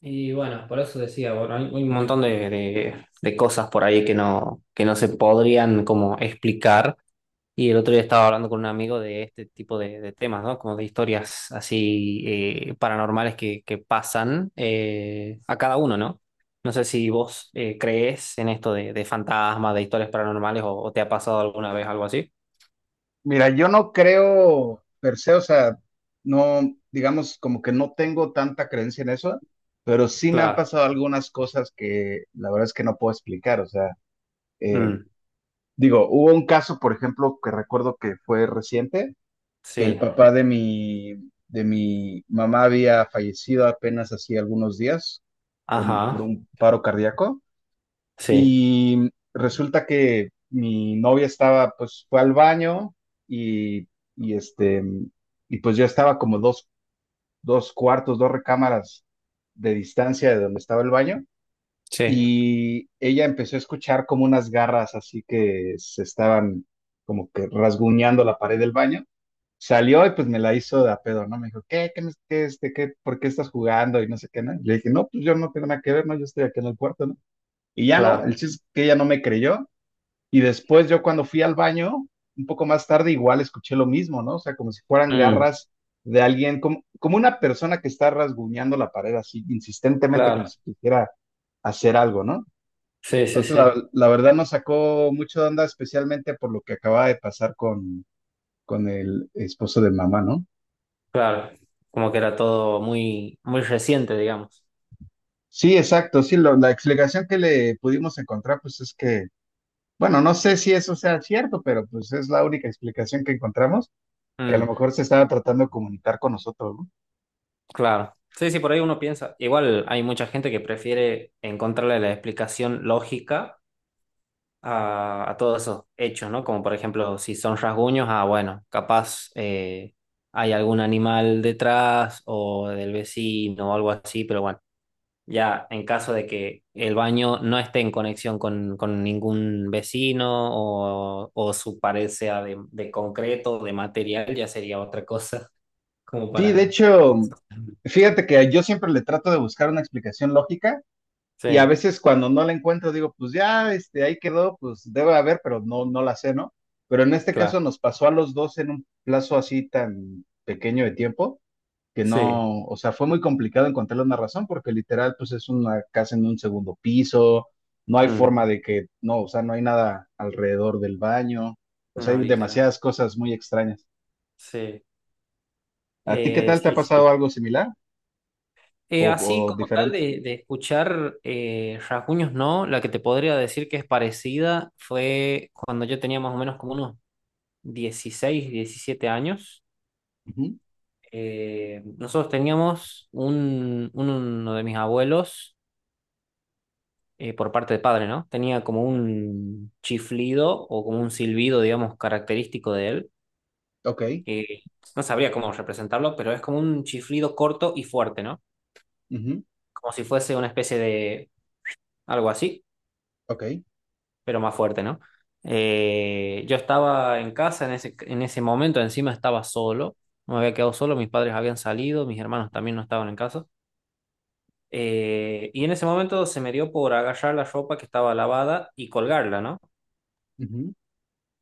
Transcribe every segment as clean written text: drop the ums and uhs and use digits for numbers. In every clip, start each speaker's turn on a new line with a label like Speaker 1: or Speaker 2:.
Speaker 1: Y bueno, por eso decía, bueno, hay un montón de cosas por ahí que no se podrían como explicar. Y el otro día estaba hablando con un amigo de este tipo de temas, ¿no? Como de historias así paranormales que pasan a cada uno, ¿no? No sé si vos crees en esto de fantasmas, de historias paranormales o te ha pasado alguna vez algo así.
Speaker 2: Mira, yo no creo per se, o sea, no, digamos, como que no tengo tanta creencia en eso, pero sí me han
Speaker 1: Claro.
Speaker 2: pasado algunas cosas que la verdad es que no puedo explicar, o sea, eh,
Speaker 1: Mm,
Speaker 2: digo, hubo un caso, por ejemplo, que recuerdo que fue reciente, que el
Speaker 1: sí.
Speaker 2: papá de mi mamá había fallecido apenas hacía algunos días por
Speaker 1: Ajá.
Speaker 2: un paro cardíaco.
Speaker 1: Sí.
Speaker 2: Y resulta que mi novia estaba, pues fue al baño y, y este, y pues yo estaba como dos recámaras de distancia de donde estaba el baño.
Speaker 1: Sí.
Speaker 2: Y ella empezó a escuchar como unas garras así que se estaban como que rasguñando la pared del baño. Salió y pues me la hizo de a pedo, ¿no? Me dijo, ¿qué? ¿Qué? Qué, qué, ¿Por qué estás jugando? Y no sé qué, ¿no? Y le dije, no, pues yo no tengo nada que ver, ¿no? Yo estoy aquí en el cuarto, ¿no? Y ya no, el
Speaker 1: Claro.
Speaker 2: chiste es que ella no me creyó y después yo cuando fui al baño, un poco más tarde, igual escuché lo mismo, ¿no? O sea, como si fueran
Speaker 1: Mm,
Speaker 2: garras de alguien, como una persona que está rasguñando la pared así insistentemente, como
Speaker 1: claro.
Speaker 2: si quisiera hacer algo, ¿no?
Speaker 1: Sí, sí,
Speaker 2: Entonces,
Speaker 1: sí.
Speaker 2: la verdad nos sacó mucho de onda, especialmente por lo que acababa de pasar con el esposo de mamá, ¿no?
Speaker 1: Claro, como que era todo muy, muy reciente, digamos.
Speaker 2: Sí, exacto, sí, la explicación que le pudimos encontrar, pues es que, bueno, no sé si eso sea cierto, pero pues es la única explicación que encontramos, que a lo
Speaker 1: Mm,
Speaker 2: mejor se estaba tratando de comunicar con nosotros, ¿no?
Speaker 1: claro. Sí, sí, por ahí uno piensa. Igual hay mucha gente que prefiere encontrarle la explicación lógica a todos esos hechos, ¿no? Como por ejemplo, si son rasguños, ah, bueno, capaz hay algún animal detrás o del vecino o algo así, pero bueno. Ya, en caso de que el baño no esté en conexión con ningún vecino o su pared sea de concreto o de material, ya sería otra cosa, como
Speaker 2: Sí, de
Speaker 1: para...
Speaker 2: hecho, fíjate que yo siempre le trato de buscar una explicación lógica y a
Speaker 1: Sí,
Speaker 2: veces cuando no la encuentro digo, pues ya, ahí quedó, pues debe haber, pero no, no la sé, ¿no? Pero en este caso
Speaker 1: claro,
Speaker 2: nos pasó a los dos en un plazo así tan pequeño de tiempo que
Speaker 1: sí.
Speaker 2: no, o sea, fue muy complicado encontrarle una razón porque literal, pues es una casa en un segundo piso, no hay
Speaker 1: Mm,
Speaker 2: forma de que, no, o sea, no hay nada alrededor del baño, o sea,
Speaker 1: no,
Speaker 2: hay
Speaker 1: literal.
Speaker 2: demasiadas cosas muy extrañas.
Speaker 1: Sí,
Speaker 2: ¿A ti qué tal te ha
Speaker 1: Sí,
Speaker 2: pasado
Speaker 1: sí.
Speaker 2: algo similar
Speaker 1: Así
Speaker 2: o
Speaker 1: como tal
Speaker 2: diferente?
Speaker 1: de escuchar rasguños, no, la que te podría decir que es parecida fue cuando yo tenía más o menos como unos 16 17 años.
Speaker 2: Ujú,
Speaker 1: Nosotros teníamos un, uno de mis abuelos, por parte de padre, ¿no? Tenía como un chiflido o como un silbido, digamos, característico de él.
Speaker 2: ok,
Speaker 1: Que no sabría cómo representarlo, pero es como un chiflido corto y fuerte, ¿no?
Speaker 2: ujú,
Speaker 1: Como si fuese una especie de algo así,
Speaker 2: ok,
Speaker 1: pero más fuerte, ¿no? Yo estaba en casa en ese momento, encima estaba solo, me había quedado solo, mis padres habían salido, mis hermanos también no estaban en casa. Y en ese momento se me dio por agarrar la ropa que estaba lavada y colgarla, ¿no?
Speaker 2: ujú,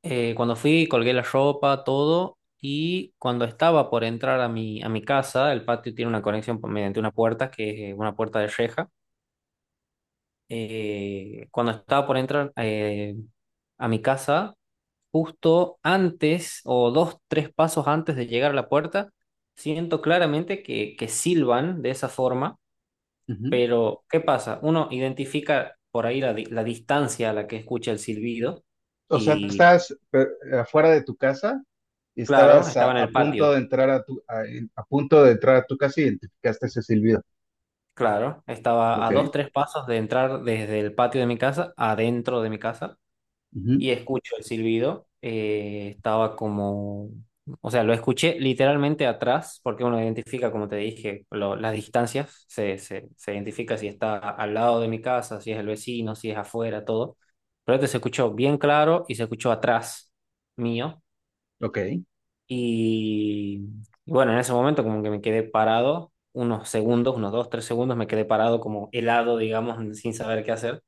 Speaker 1: Cuando fui, colgué la ropa, todo, y cuando estaba por entrar a mi casa, el patio tiene una conexión por- mediante una puerta, que es una puerta de reja. Cuando estaba por entrar a mi casa, justo antes o dos, tres pasos antes de llegar a la puerta, siento claramente que silban de esa forma.
Speaker 2: ujú.
Speaker 1: Pero, ¿qué pasa? Uno identifica por ahí la, la distancia a la que escucha el silbido
Speaker 2: O sea, tú
Speaker 1: y,
Speaker 2: estabas afuera de tu casa y
Speaker 1: claro,
Speaker 2: estabas
Speaker 1: estaba en el patio,
Speaker 2: a punto de entrar a tu casa y identificaste ese silbido.
Speaker 1: claro, estaba
Speaker 2: Ok,
Speaker 1: a dos, tres pasos de entrar desde el patio de mi casa, adentro de mi casa.
Speaker 2: ujú,
Speaker 1: Y escucho el silbido. Estaba como, o sea, lo escuché literalmente atrás, porque uno identifica, como te dije, lo- las distancias, se identifica si está al lado de mi casa, si es el vecino, si es afuera, todo. Pero este se escuchó bien claro y se escuchó atrás mío.
Speaker 2: ok,
Speaker 1: Y, y bueno, en ese momento como que me quedé parado unos segundos, unos dos, tres segundos, me quedé parado como helado, digamos, sin saber qué hacer.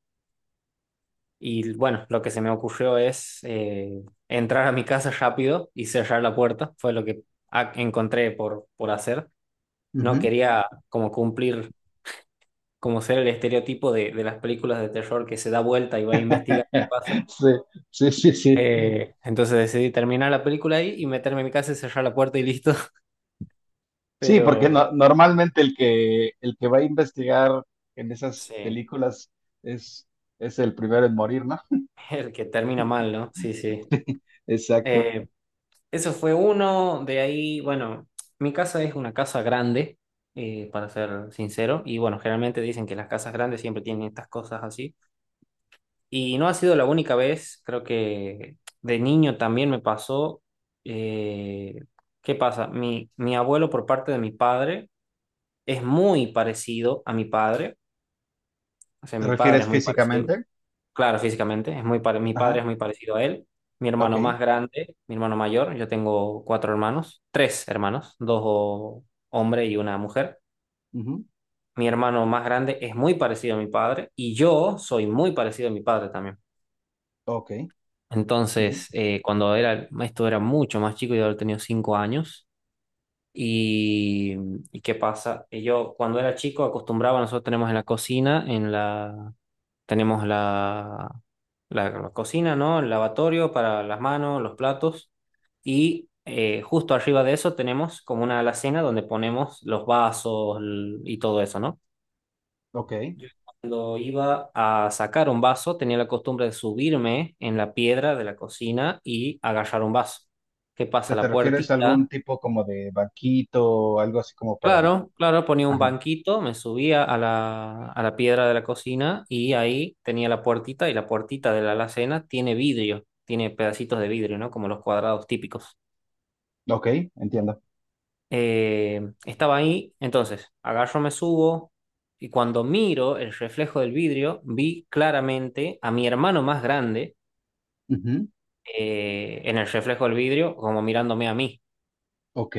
Speaker 1: Y bueno, lo que se me ocurrió es entrar a mi casa rápido y cerrar la puerta. Fue lo que encontré por hacer. No
Speaker 2: ujú.
Speaker 1: quería como cumplir, como ser el estereotipo de las películas de terror que se da vuelta y va a investigar qué pasa.
Speaker 2: Sí, sí, sí, sí.
Speaker 1: Entonces decidí terminar la película ahí y meterme en mi casa y cerrar la puerta y listo.
Speaker 2: Sí, porque
Speaker 1: Pero
Speaker 2: normalmente el que va a investigar en esas
Speaker 1: sí,
Speaker 2: películas es es el primero en morir, ¿no?
Speaker 1: el que termina mal, ¿no? Sí, sí.
Speaker 2: Exacto.
Speaker 1: Eh, Eso fue uno, de ahí, bueno, mi casa es una casa grande, para ser sincero, y bueno, generalmente dicen que las casas grandes siempre tienen estas cosas así, y no ha sido la única vez, creo que de niño también me pasó, eh, ¿qué pasa? Mi abuelo por parte de mi padre es muy parecido a mi padre, o sea,
Speaker 2: ¿Te
Speaker 1: mi padre
Speaker 2: refieres
Speaker 1: es muy parecido.
Speaker 2: físicamente?
Speaker 1: Claro, físicamente, es muy mi padre
Speaker 2: Ajá,
Speaker 1: es muy parecido a él. Mi
Speaker 2: ok,
Speaker 1: hermano más grande, mi hermano mayor, yo tengo cuatro hermanos, tres hermanos, dos hombres y una mujer.
Speaker 2: ujú,
Speaker 1: Mi hermano más grande es muy parecido a mi padre y yo soy muy parecido a mi padre también.
Speaker 2: ok, ujú,
Speaker 1: Entonces, cuando era, esto era mucho más chico, yo había tenido 5 años. Y, ¿Y qué pasa? Yo cuando era chico acostumbraba, nosotros tenemos en la cocina, en la, tenemos la, la cocina, ¿no? El lavatorio para las manos, los platos. Y justo arriba de eso tenemos como una alacena donde ponemos los vasos y todo eso, ¿no?
Speaker 2: ok. O
Speaker 1: Cuando iba a sacar un vaso, tenía la costumbre de subirme en la piedra de la cocina y agarrar un vaso. ¿Qué pasa?
Speaker 2: sea, ¿te
Speaker 1: La
Speaker 2: refieres a algún
Speaker 1: puertita,
Speaker 2: tipo como de banquito o algo así como para?
Speaker 1: claro, claro, ponía un
Speaker 2: Ajá,
Speaker 1: banquito, me subía a la piedra de la cocina y ahí tenía la puertita y la puertita de la alacena tiene vidrio, tiene pedacitos de vidrio, ¿no? Como los cuadrados típicos.
Speaker 2: ok, entiendo.
Speaker 1: Eh, Estaba ahí, entonces agarro, me subo y cuando miro el reflejo del vidrio, vi claramente a mi hermano más grande
Speaker 2: Ujú,
Speaker 1: en el reflejo del vidrio, como mirándome a mí.
Speaker 2: ok,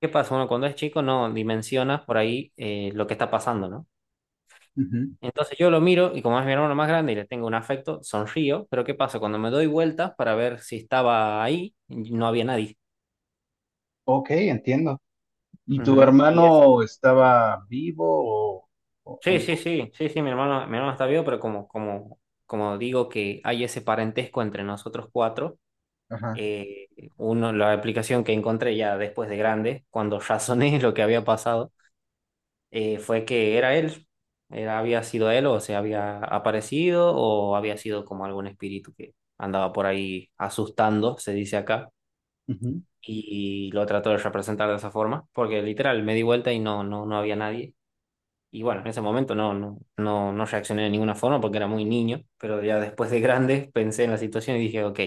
Speaker 1: ¿Qué pasa? Uno cuando es chico no dimensiona por ahí lo que está pasando, ¿no?
Speaker 2: ujú,
Speaker 1: Entonces yo lo miro y como es mi hermano más grande y le tengo un afecto, sonrío, pero ¿qué pasa? Cuando me doy vueltas para ver si estaba ahí, no había nadie.
Speaker 2: ok, entiendo. ¿Y tu
Speaker 1: Ujú. Y es,
Speaker 2: hermano estaba vivo o, o
Speaker 1: sí,
Speaker 2: no?
Speaker 1: sí, sí, sí, sí, mi hermano está vivo, pero como, como, como digo que hay ese parentesco entre nosotros cuatro,
Speaker 2: Ajá.
Speaker 1: eh, uno, la aplicación que encontré ya después de grande, cuando razoné lo que había pasado, fue que era él, era, había sido él o se había aparecido o había sido como algún espíritu que andaba por ahí asustando, se dice acá,
Speaker 2: Ujú.
Speaker 1: lo trató de representar de esa forma, porque literal me di vuelta y no, no, no había nadie. Y bueno, en ese momento no, no, no, no reaccioné de ninguna forma porque era muy niño, pero ya después de grande pensé en la situación y dije, ok,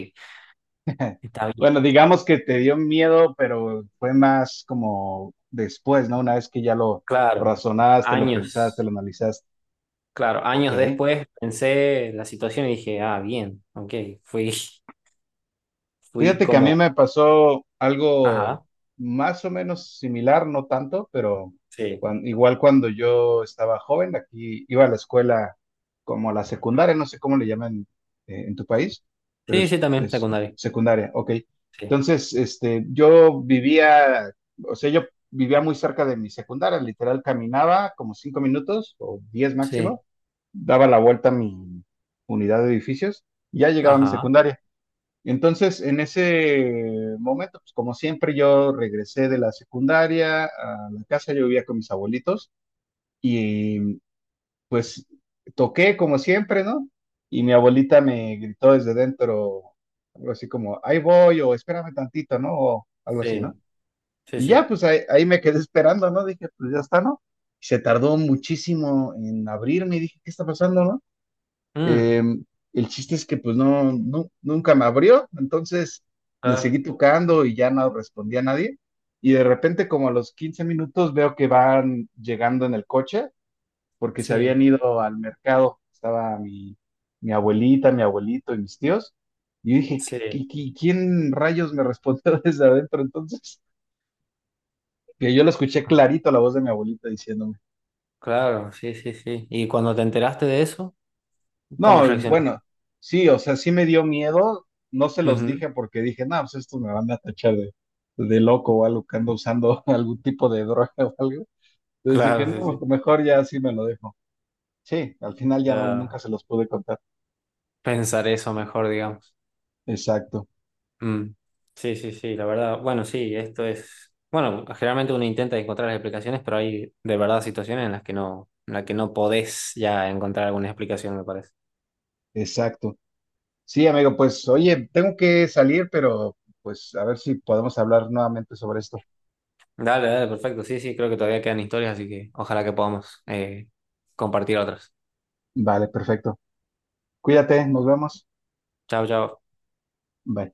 Speaker 1: está bien.
Speaker 2: Bueno, digamos que te dio miedo, pero fue más como después, ¿no? Una vez que ya lo
Speaker 1: Claro,
Speaker 2: razonaste, lo pensaste, lo
Speaker 1: años,
Speaker 2: analizaste.
Speaker 1: claro,
Speaker 2: Ok,
Speaker 1: años después pensé en la situación y dije, ah, bien, ok, fui, fui
Speaker 2: fíjate que a mí
Speaker 1: como
Speaker 2: me pasó algo
Speaker 1: ajá,
Speaker 2: más o menos similar, no tanto, pero
Speaker 1: sí.
Speaker 2: igual cuando yo estaba joven, aquí iba a la escuela como la secundaria, no sé cómo le llaman en tu país, pero
Speaker 1: Sí,
Speaker 2: es,
Speaker 1: sí, también,
Speaker 2: es
Speaker 1: secundaria.
Speaker 2: secundaria, ok.
Speaker 1: Sí,
Speaker 2: Entonces, yo vivía, o sea, yo vivía muy cerca de mi secundaria, literal caminaba como 5 minutos o 10
Speaker 1: sí.
Speaker 2: máximo, daba la vuelta a mi unidad de edificios y ya llegaba a mi
Speaker 1: Ajá,
Speaker 2: secundaria. Entonces, en ese momento, pues como siempre, yo regresé de la secundaria a la casa, yo vivía con mis abuelitos y pues toqué como siempre, ¿no? Y mi abuelita me gritó desde dentro, algo así como, ahí voy o espérame tantito, ¿no? O algo así, ¿no?
Speaker 1: sí, sí,
Speaker 2: Y ya,
Speaker 1: sí.
Speaker 2: pues ahí me quedé esperando, ¿no? Dije, pues ya está, ¿no? Se tardó muchísimo en abrirme y dije, ¿qué está pasando, no?
Speaker 1: Mm,
Speaker 2: Eh, el chiste es que pues no, nunca me abrió, entonces le
Speaker 1: ah,
Speaker 2: seguí tocando y ya no respondía a nadie. Y de repente como a los 15 minutos veo que van llegando en el coche porque se habían
Speaker 1: sí,
Speaker 2: ido al mercado. Estaba mi abuelita, mi abuelito y mis tíos. Y yo dije,
Speaker 1: sí.
Speaker 2: ¿Quién rayos me respondió desde adentro entonces? Que yo lo escuché
Speaker 1: Ah,
Speaker 2: clarito la voz de mi abuelita diciéndome.
Speaker 1: claro, sí, sí, sí. ¿Y cuando te enteraste de eso, cómo
Speaker 2: No,
Speaker 1: reaccionaste?
Speaker 2: bueno, sí, o sea, sí me dio miedo. No se los
Speaker 1: Ujú,
Speaker 2: dije porque dije, no, pues estos me van a tachar de loco o algo que ando usando algún tipo de droga o algo. Entonces dije,
Speaker 1: claro, sí,
Speaker 2: no,
Speaker 1: sí.
Speaker 2: pues mejor ya sí me lo dejo. Sí, al final ya no,
Speaker 1: Ah,
Speaker 2: nunca se los pude contar.
Speaker 1: pensar eso mejor, digamos.
Speaker 2: Exacto,
Speaker 1: Mm, sí, sí, sí, la verdad. Bueno, sí, esto es... Bueno, generalmente uno intenta encontrar las explicaciones, pero hay de verdad situaciones en las que no, en las que no podés ya encontrar alguna explicación, me parece.
Speaker 2: exacto. Sí, amigo, pues oye, tengo que salir, pero pues a ver si podemos hablar nuevamente sobre esto.
Speaker 1: Dale, dale, perfecto. Sí, sí, creo que todavía quedan historias, así que ojalá que podamos compartir otras.
Speaker 2: Vale, perfecto. Cuídate, nos vemos.
Speaker 1: Chao, chao.
Speaker 2: Bye.